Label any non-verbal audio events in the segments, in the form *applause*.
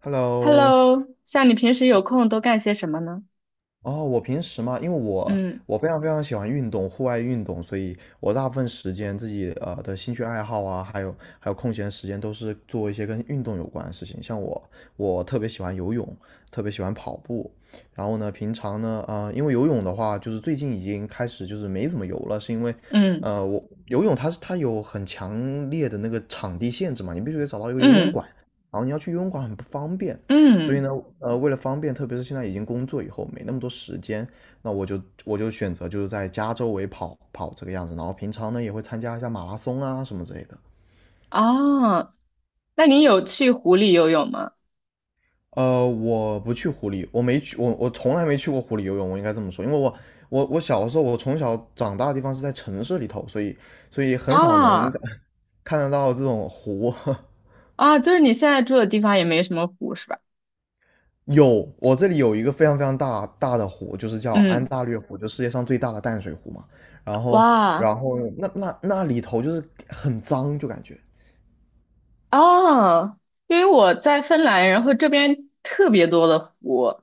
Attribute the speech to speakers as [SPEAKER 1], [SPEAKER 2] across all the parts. [SPEAKER 1] Hello。
[SPEAKER 2] Hello，像你平时有空都干些什么呢？
[SPEAKER 1] 哦，我平时嘛，因为我
[SPEAKER 2] 嗯
[SPEAKER 1] 我非常非常喜欢运动，户外运动，所以我大部分时间自己的兴趣爱好啊，还有还有空闲时间都是做一些跟运动有关的事情。像我，我特别喜欢游泳，特别喜欢跑步。然后呢，平常呢，因为游泳的话，就是最近已经开始就是没怎么游了，是因为，
[SPEAKER 2] 嗯
[SPEAKER 1] 呃，我游泳它有很强烈的那个场地限制嘛，你必须得找到一个游泳
[SPEAKER 2] 嗯
[SPEAKER 1] 馆。然后你要去游泳馆很不方便，所以
[SPEAKER 2] 嗯。
[SPEAKER 1] 呢，为了方便，特别是现在已经工作以后没那么多时间，那我就选择就是在家周围跑跑这个样子，然后平常呢也会参加一下马拉松啊什么之类的。
[SPEAKER 2] 哦，那你有去湖里游泳吗？
[SPEAKER 1] 我不去湖里，我没去，我从来没去过湖里游泳，我应该这么说，因为我小的时候，我从小长大的地方是在城市里头，所以所以很少能
[SPEAKER 2] 啊
[SPEAKER 1] *laughs* 看得到这种湖。*laughs*
[SPEAKER 2] 啊，就是你现在住的地方也没什么湖是吧？
[SPEAKER 1] 有，我这里有一个非常非常大大的湖，就是叫安
[SPEAKER 2] 嗯。
[SPEAKER 1] 大略湖，就世界上最大的淡水湖嘛。然后，
[SPEAKER 2] 哇。
[SPEAKER 1] 然后那里头就是很脏，就感觉，
[SPEAKER 2] 哦。因为我在芬兰，然后这边特别多的湖，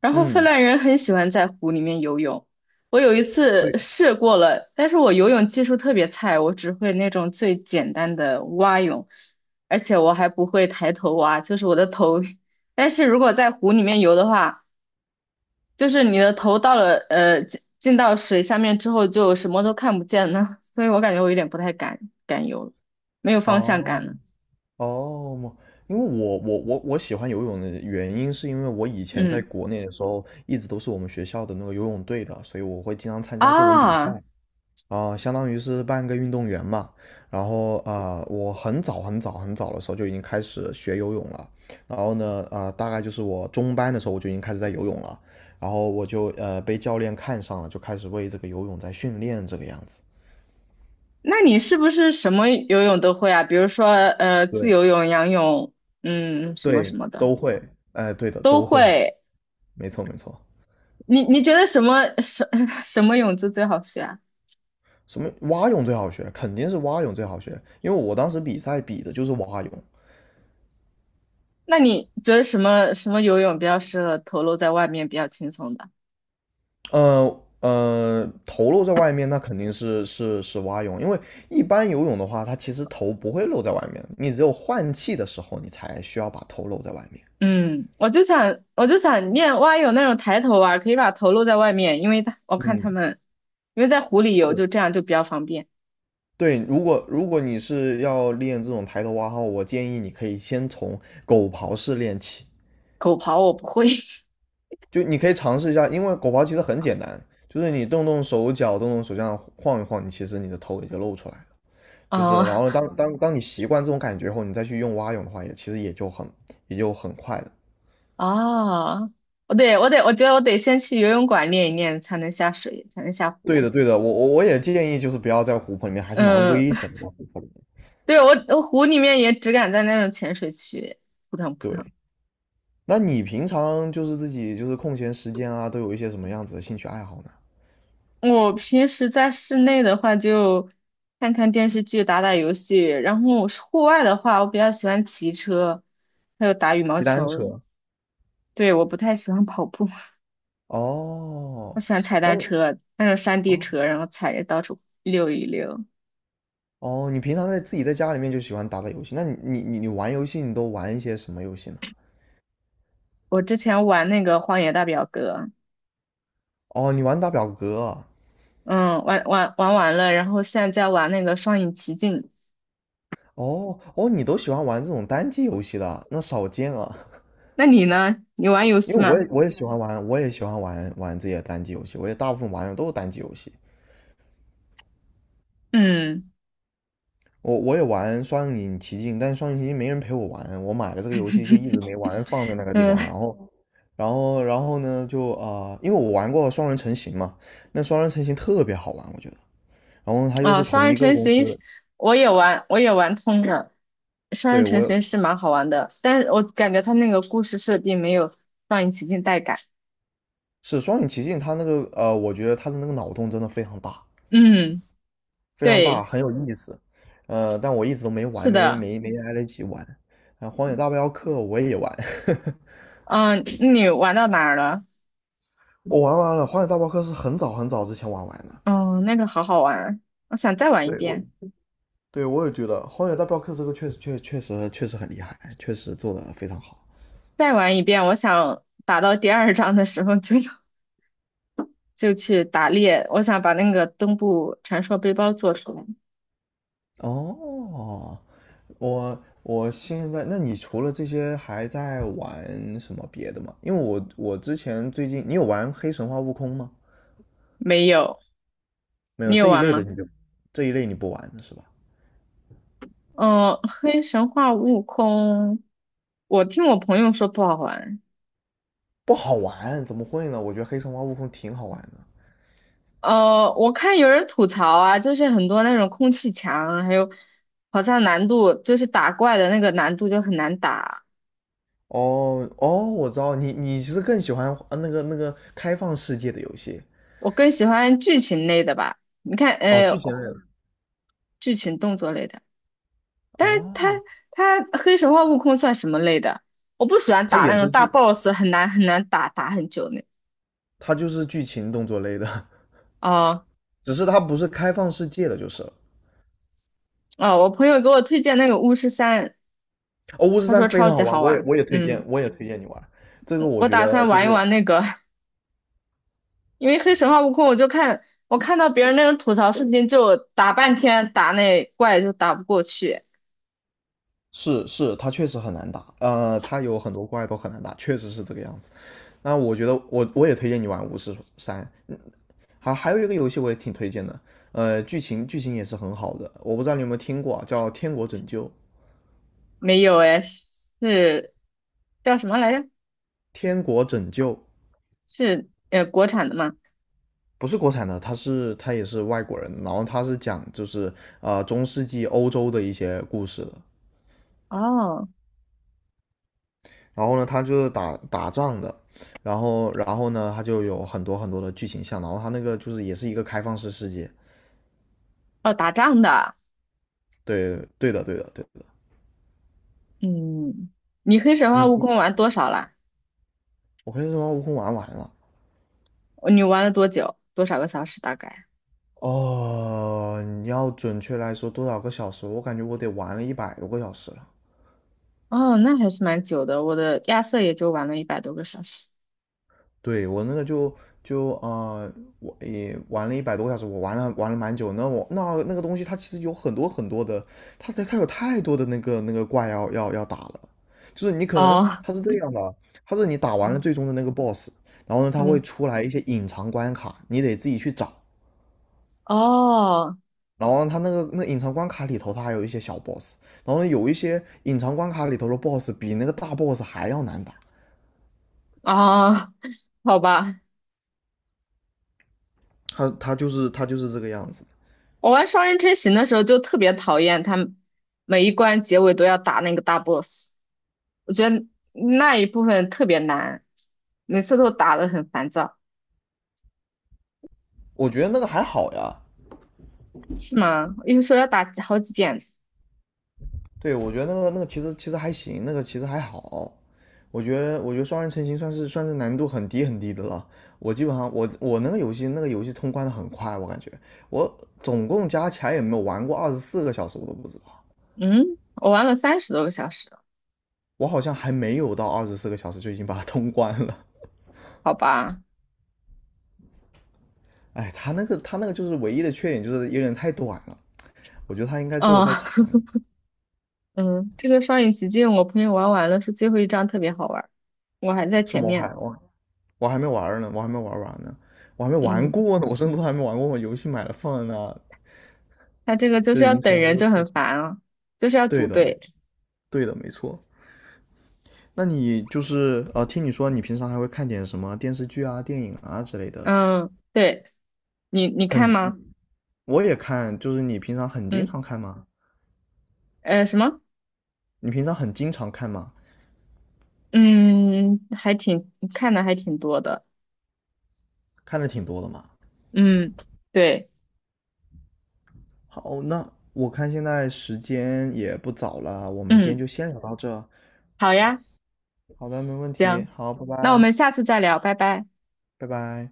[SPEAKER 2] 然后芬
[SPEAKER 1] 嗯，
[SPEAKER 2] 兰人很喜欢在湖里面游泳。我有一次
[SPEAKER 1] 对，
[SPEAKER 2] 试过了，但是我游泳技术特别菜，我只会那种最简单的蛙泳，而且我还不会抬头蛙，就是我的头。但是如果在湖里面游的话，就是你的头到了进到水下面之后，就什么都看不见了，所以我感觉我有点不太敢游了，没有方向
[SPEAKER 1] 哦
[SPEAKER 2] 感了。
[SPEAKER 1] 哦，因为我喜欢游泳的原因，是因为我以前在
[SPEAKER 2] 嗯
[SPEAKER 1] 国内的时候，一直都是我们学校的那个游泳队的，所以我会经常参加各种比赛。
[SPEAKER 2] 啊。
[SPEAKER 1] 相当于是半个运动员嘛。然后我很早很早很早的时候就已经开始学游泳了。然后呢，大概就是我中班的时候我就已经开始在游泳了。然后我就被教练看上了，就开始为这个游泳在训练这个样子。
[SPEAKER 2] 那你是不是什么游泳都会啊？比如说，自
[SPEAKER 1] 对
[SPEAKER 2] 由泳、仰泳，嗯，什么什
[SPEAKER 1] 对，
[SPEAKER 2] 么的
[SPEAKER 1] 都会，哎，对的，
[SPEAKER 2] 都
[SPEAKER 1] 都会，
[SPEAKER 2] 会。
[SPEAKER 1] 没错没错。
[SPEAKER 2] 你觉得什么什 *laughs* 什么泳姿最好学啊？
[SPEAKER 1] 什么蛙泳最好学，肯定是蛙泳最好学，因为我当时比赛比的就是蛙泳。
[SPEAKER 2] 那你觉得什么什么游泳比较适合头露在外面比较轻松的？
[SPEAKER 1] 头露在外面，那肯定是蛙泳，因为一般游泳的话，它其实头不会露在外面，你只有换气的时候，你才需要把头露在外面。
[SPEAKER 2] 嗯，我就想练蛙泳那种抬头蛙，可以把头露在外面，因为它我看他
[SPEAKER 1] 嗯，
[SPEAKER 2] 们因为在湖里游
[SPEAKER 1] 是，
[SPEAKER 2] 就这样就比较方便。
[SPEAKER 1] 对，如果你是要练这种抬头蛙号，我建议你可以先从狗刨式练起，
[SPEAKER 2] 狗刨我不会。*laughs*
[SPEAKER 1] 就你可以尝试一下，因为狗刨其实很简单，就是你动动手脚，动动手这样晃一晃，你其实你的头也就露出来了。就
[SPEAKER 2] 嗯。
[SPEAKER 1] 是然后呢当你习惯这种感觉后，你再去用蛙泳的话，也其实也就很也就很快的。
[SPEAKER 2] 啊，我觉得我得先去游泳馆练一练，才能下水，才能下
[SPEAKER 1] 对
[SPEAKER 2] 湖。
[SPEAKER 1] 的，对的，我也建议就是不要在湖泊里面，还是蛮
[SPEAKER 2] 嗯。
[SPEAKER 1] 危险的，在湖泊里面。
[SPEAKER 2] *laughs* 对，我湖里面也只敢在那种浅水区扑腾扑
[SPEAKER 1] 对，
[SPEAKER 2] 腾。
[SPEAKER 1] 那你平常就是自己就是空闲时间啊，都有一些什么样子的兴趣爱好呢？
[SPEAKER 2] 我平时在室内的话，就看看电视剧、打打游戏。然后我是户外的话，我比较喜欢骑车，还有打羽毛
[SPEAKER 1] 骑单
[SPEAKER 2] 球。
[SPEAKER 1] 车。
[SPEAKER 2] 对，我不太喜欢跑步。*laughs*
[SPEAKER 1] 哦，
[SPEAKER 2] 我喜欢踩
[SPEAKER 1] 那
[SPEAKER 2] 单
[SPEAKER 1] 你
[SPEAKER 2] 车，那种山地
[SPEAKER 1] 哦
[SPEAKER 2] 车，然后踩着到处溜一溜。
[SPEAKER 1] 哦，你平常在自己在家里面就喜欢打打游戏，那你玩游戏你都玩一些什么游戏呢？
[SPEAKER 2] 我之前玩那个《荒野大表哥》。
[SPEAKER 1] 哦，你玩打表格啊
[SPEAKER 2] 嗯，玩完了，然后现在在玩那个《双影奇境》。
[SPEAKER 1] 哦，你都喜欢玩这种单机游戏的啊，那少见啊。
[SPEAKER 2] 那你呢？你玩游
[SPEAKER 1] 因
[SPEAKER 2] 戏
[SPEAKER 1] 为我
[SPEAKER 2] 吗？
[SPEAKER 1] 也我也喜欢玩，我也喜欢玩玩自己的单机游戏，我也大部分玩的都是单机游戏。
[SPEAKER 2] 嗯。
[SPEAKER 1] 我也玩《双影奇境》，但是《双影奇境》没人陪我玩，我买了这个游戏就一直
[SPEAKER 2] *laughs*
[SPEAKER 1] 没玩，放在那个地方。
[SPEAKER 2] 嗯，
[SPEAKER 1] 然后，然后，然后呢，就因为我玩过双人成行嘛，那双人成行特别好玩，我觉得。然后它又
[SPEAKER 2] 啊，
[SPEAKER 1] 是
[SPEAKER 2] 《双
[SPEAKER 1] 同
[SPEAKER 2] 人
[SPEAKER 1] 一个
[SPEAKER 2] 成
[SPEAKER 1] 公
[SPEAKER 2] 行》
[SPEAKER 1] 司，
[SPEAKER 2] 我也玩，我也玩通了。《双人
[SPEAKER 1] 对
[SPEAKER 2] 成行》
[SPEAKER 1] 我
[SPEAKER 2] 是蛮好玩的，但是我感觉它那个故事设定没有《双影奇境》带感。
[SPEAKER 1] 是《双影奇境》，它那个我觉得它的那个脑洞真的非常大，
[SPEAKER 2] 嗯，
[SPEAKER 1] 非常大，
[SPEAKER 2] 对，
[SPEAKER 1] 很有意思。但我一直都没
[SPEAKER 2] 是
[SPEAKER 1] 玩，没
[SPEAKER 2] 的。
[SPEAKER 1] 没没来得及玩。啊，《荒野大镖客》我也玩，*laughs*
[SPEAKER 2] 嗯，你玩到哪儿了？
[SPEAKER 1] 我玩完了，《荒野大镖客》是很早很早之前玩完的。
[SPEAKER 2] 嗯，那个好好玩，我想再玩一
[SPEAKER 1] 对，我
[SPEAKER 2] 遍，
[SPEAKER 1] 对我也觉得《荒野大镖客》这个确实很厉害，确实做得非常好。
[SPEAKER 2] 再玩一遍。我想打到第二章的时候就 *laughs* 就去打猎。我想把那个东部传说背包做出来。
[SPEAKER 1] 哦，我我现在，那你除了这些还在玩什么别的吗？因为我之前最近，你有玩《黑神话：悟空》吗？
[SPEAKER 2] 没有，
[SPEAKER 1] 没有，
[SPEAKER 2] 你有
[SPEAKER 1] 这一
[SPEAKER 2] 玩
[SPEAKER 1] 类的
[SPEAKER 2] 吗？
[SPEAKER 1] 你就这一类你不玩的是吧？
[SPEAKER 2] 嗯，黑神话悟空。我听我朋友说不好玩。
[SPEAKER 1] 不好玩，怎么会呢？我觉得黑神话悟空挺好玩的。
[SPEAKER 2] 我看有人吐槽啊，就是很多那种空气墙，还有好像难度就是打怪的那个难度就很难打。
[SPEAKER 1] 哦哦，我知道你其实更喜欢那个开放世界的游戏
[SPEAKER 2] 我更喜欢剧情类的吧，你看，
[SPEAKER 1] 哦，剧情类的
[SPEAKER 2] 剧情动作类的。但是
[SPEAKER 1] 哦，
[SPEAKER 2] 黑神话悟空算什么类的？我不喜欢
[SPEAKER 1] 它
[SPEAKER 2] 打那
[SPEAKER 1] 也
[SPEAKER 2] 种
[SPEAKER 1] 是
[SPEAKER 2] 大
[SPEAKER 1] 剧，
[SPEAKER 2] boss，很难很难打，打很久那。
[SPEAKER 1] 它就是剧情动作类的，
[SPEAKER 2] 哦
[SPEAKER 1] *laughs* 只是它不是开放世界的，就是了。
[SPEAKER 2] 哦，我朋友给我推荐那个巫师三。
[SPEAKER 1] 哦，巫师
[SPEAKER 2] 他
[SPEAKER 1] 三
[SPEAKER 2] 说
[SPEAKER 1] 非
[SPEAKER 2] 超
[SPEAKER 1] 常
[SPEAKER 2] 级
[SPEAKER 1] 好玩，
[SPEAKER 2] 好
[SPEAKER 1] 我也
[SPEAKER 2] 玩。
[SPEAKER 1] 我也推荐，
[SPEAKER 2] 嗯，
[SPEAKER 1] 我也推荐你玩。这个我
[SPEAKER 2] 我
[SPEAKER 1] 觉
[SPEAKER 2] 打
[SPEAKER 1] 得
[SPEAKER 2] 算
[SPEAKER 1] 就
[SPEAKER 2] 玩
[SPEAKER 1] 是
[SPEAKER 2] 一玩那个。*laughs* 因为黑神话悟空，我看到别人那种吐槽视频，就打半天打那怪就打不过去。
[SPEAKER 1] 是，它确实很难打，它有很多怪都很难打，确实是这个样子。那我觉得我也推荐你玩巫师三，好，还有一个游戏我也挺推荐的，剧情剧情也是很好的，我不知道你有没有听过啊，叫《天国拯救》。
[SPEAKER 2] 没有哎，是叫什么来着？
[SPEAKER 1] 《天国拯救》
[SPEAKER 2] 是国产的吗？
[SPEAKER 1] 不是国产的，它也是外国人的然后它是讲就是中世纪欧洲的一些故事的。
[SPEAKER 2] 哦
[SPEAKER 1] 然后呢，它就是打打仗的，然后然后呢，它就有很多很多的剧情项，然后它那个就是也是一个开放式世界。
[SPEAKER 2] 哦，打仗的。
[SPEAKER 1] 对对的对的对的，
[SPEAKER 2] 嗯，你黑神话悟
[SPEAKER 1] 你
[SPEAKER 2] 空玩多少啦？
[SPEAKER 1] 我跟你说，悟空玩完了，
[SPEAKER 2] 你玩了多久？多少个小时大概？
[SPEAKER 1] 哦，你要准确来说多少个小时？我感觉我得玩了一百多个小时了。
[SPEAKER 2] 哦，那还是蛮久的。我的亚瑟也就玩了100多个小时。
[SPEAKER 1] 对，我那个就就呃，我也玩了一百多个小时，我玩了玩了蛮久。那那个东西它其实有很多很多的，它有太多的那个怪要打了。就是你可能
[SPEAKER 2] 哦。
[SPEAKER 1] 它是这样的，它是你打完了
[SPEAKER 2] 嗯
[SPEAKER 1] 最终的那个 boss,然后呢，它会
[SPEAKER 2] 嗯。
[SPEAKER 1] 出来一些隐藏关卡，你得自己去找。
[SPEAKER 2] 哦
[SPEAKER 1] 然后它那个那隐藏关卡里头，它还有一些小 boss,然后呢有一些隐藏关卡里头的 boss 比那个大 boss 还要难打，
[SPEAKER 2] 哦。好吧。
[SPEAKER 1] 它就是这个样子。
[SPEAKER 2] 我玩双人成行的时候就特别讨厌他们每一关结尾都要打那个大 boss，我觉得那一部分特别难，每次都打得很烦躁。
[SPEAKER 1] 我觉得那个还好呀，
[SPEAKER 2] 是吗？有时候要打好几遍。
[SPEAKER 1] 对我觉得那个其实其实还行，那个其实还好。我觉得双人成行算是难度很低很低的了。我基本上我那个游戏那个游戏通关的很快，我感觉我总共加起来也没有玩过二十四个小时，我都不知道。
[SPEAKER 2] 嗯，我玩了30多个小时。
[SPEAKER 1] 我好像还没有到二十四个小时就已经把它通关了。
[SPEAKER 2] 好吧。
[SPEAKER 1] 哎，他那个就是唯一的缺点就是有点太短了，我觉得他应该做的再
[SPEAKER 2] 啊。
[SPEAKER 1] 长一
[SPEAKER 2] *laughs*
[SPEAKER 1] 点。
[SPEAKER 2] 嗯，这个双影奇境我朋友玩完了，说最后一张特别好玩儿，我还在
[SPEAKER 1] 是吗？
[SPEAKER 2] 前面。
[SPEAKER 1] 我还没玩儿呢，我还没玩儿完呢，我还没玩
[SPEAKER 2] 嗯，
[SPEAKER 1] 过呢，我甚至都还没玩过。我游戏买了放在那，
[SPEAKER 2] 他这个就
[SPEAKER 1] 就
[SPEAKER 2] 是
[SPEAKER 1] 是已
[SPEAKER 2] 要
[SPEAKER 1] 经
[SPEAKER 2] 等
[SPEAKER 1] 成为一
[SPEAKER 2] 人
[SPEAKER 1] 个
[SPEAKER 2] 就
[SPEAKER 1] 库
[SPEAKER 2] 很
[SPEAKER 1] 存。
[SPEAKER 2] 烦啊，就是要
[SPEAKER 1] 对
[SPEAKER 2] 组
[SPEAKER 1] 的，没
[SPEAKER 2] 队。
[SPEAKER 1] 对的，没错。那你就是听你说你平常还会看点什么电视剧啊、电影啊之类的，
[SPEAKER 2] 嗯，对，你
[SPEAKER 1] 很
[SPEAKER 2] 看吗？
[SPEAKER 1] 我也看，就是你平常很经常
[SPEAKER 2] 嗯，
[SPEAKER 1] 看吗？
[SPEAKER 2] 什么？
[SPEAKER 1] 你平常很经常看吗？
[SPEAKER 2] 嗯，还挺看的还挺多的。
[SPEAKER 1] 看的挺多的嘛。
[SPEAKER 2] 嗯，对。
[SPEAKER 1] 好，那我看现在时间也不早了啊，我们今天
[SPEAKER 2] 嗯，
[SPEAKER 1] 就先聊到这。
[SPEAKER 2] 好呀，
[SPEAKER 1] 好的，没问题。
[SPEAKER 2] 行，
[SPEAKER 1] 好，拜
[SPEAKER 2] 那我
[SPEAKER 1] 拜，
[SPEAKER 2] 们下次再聊，拜拜。
[SPEAKER 1] 拜拜。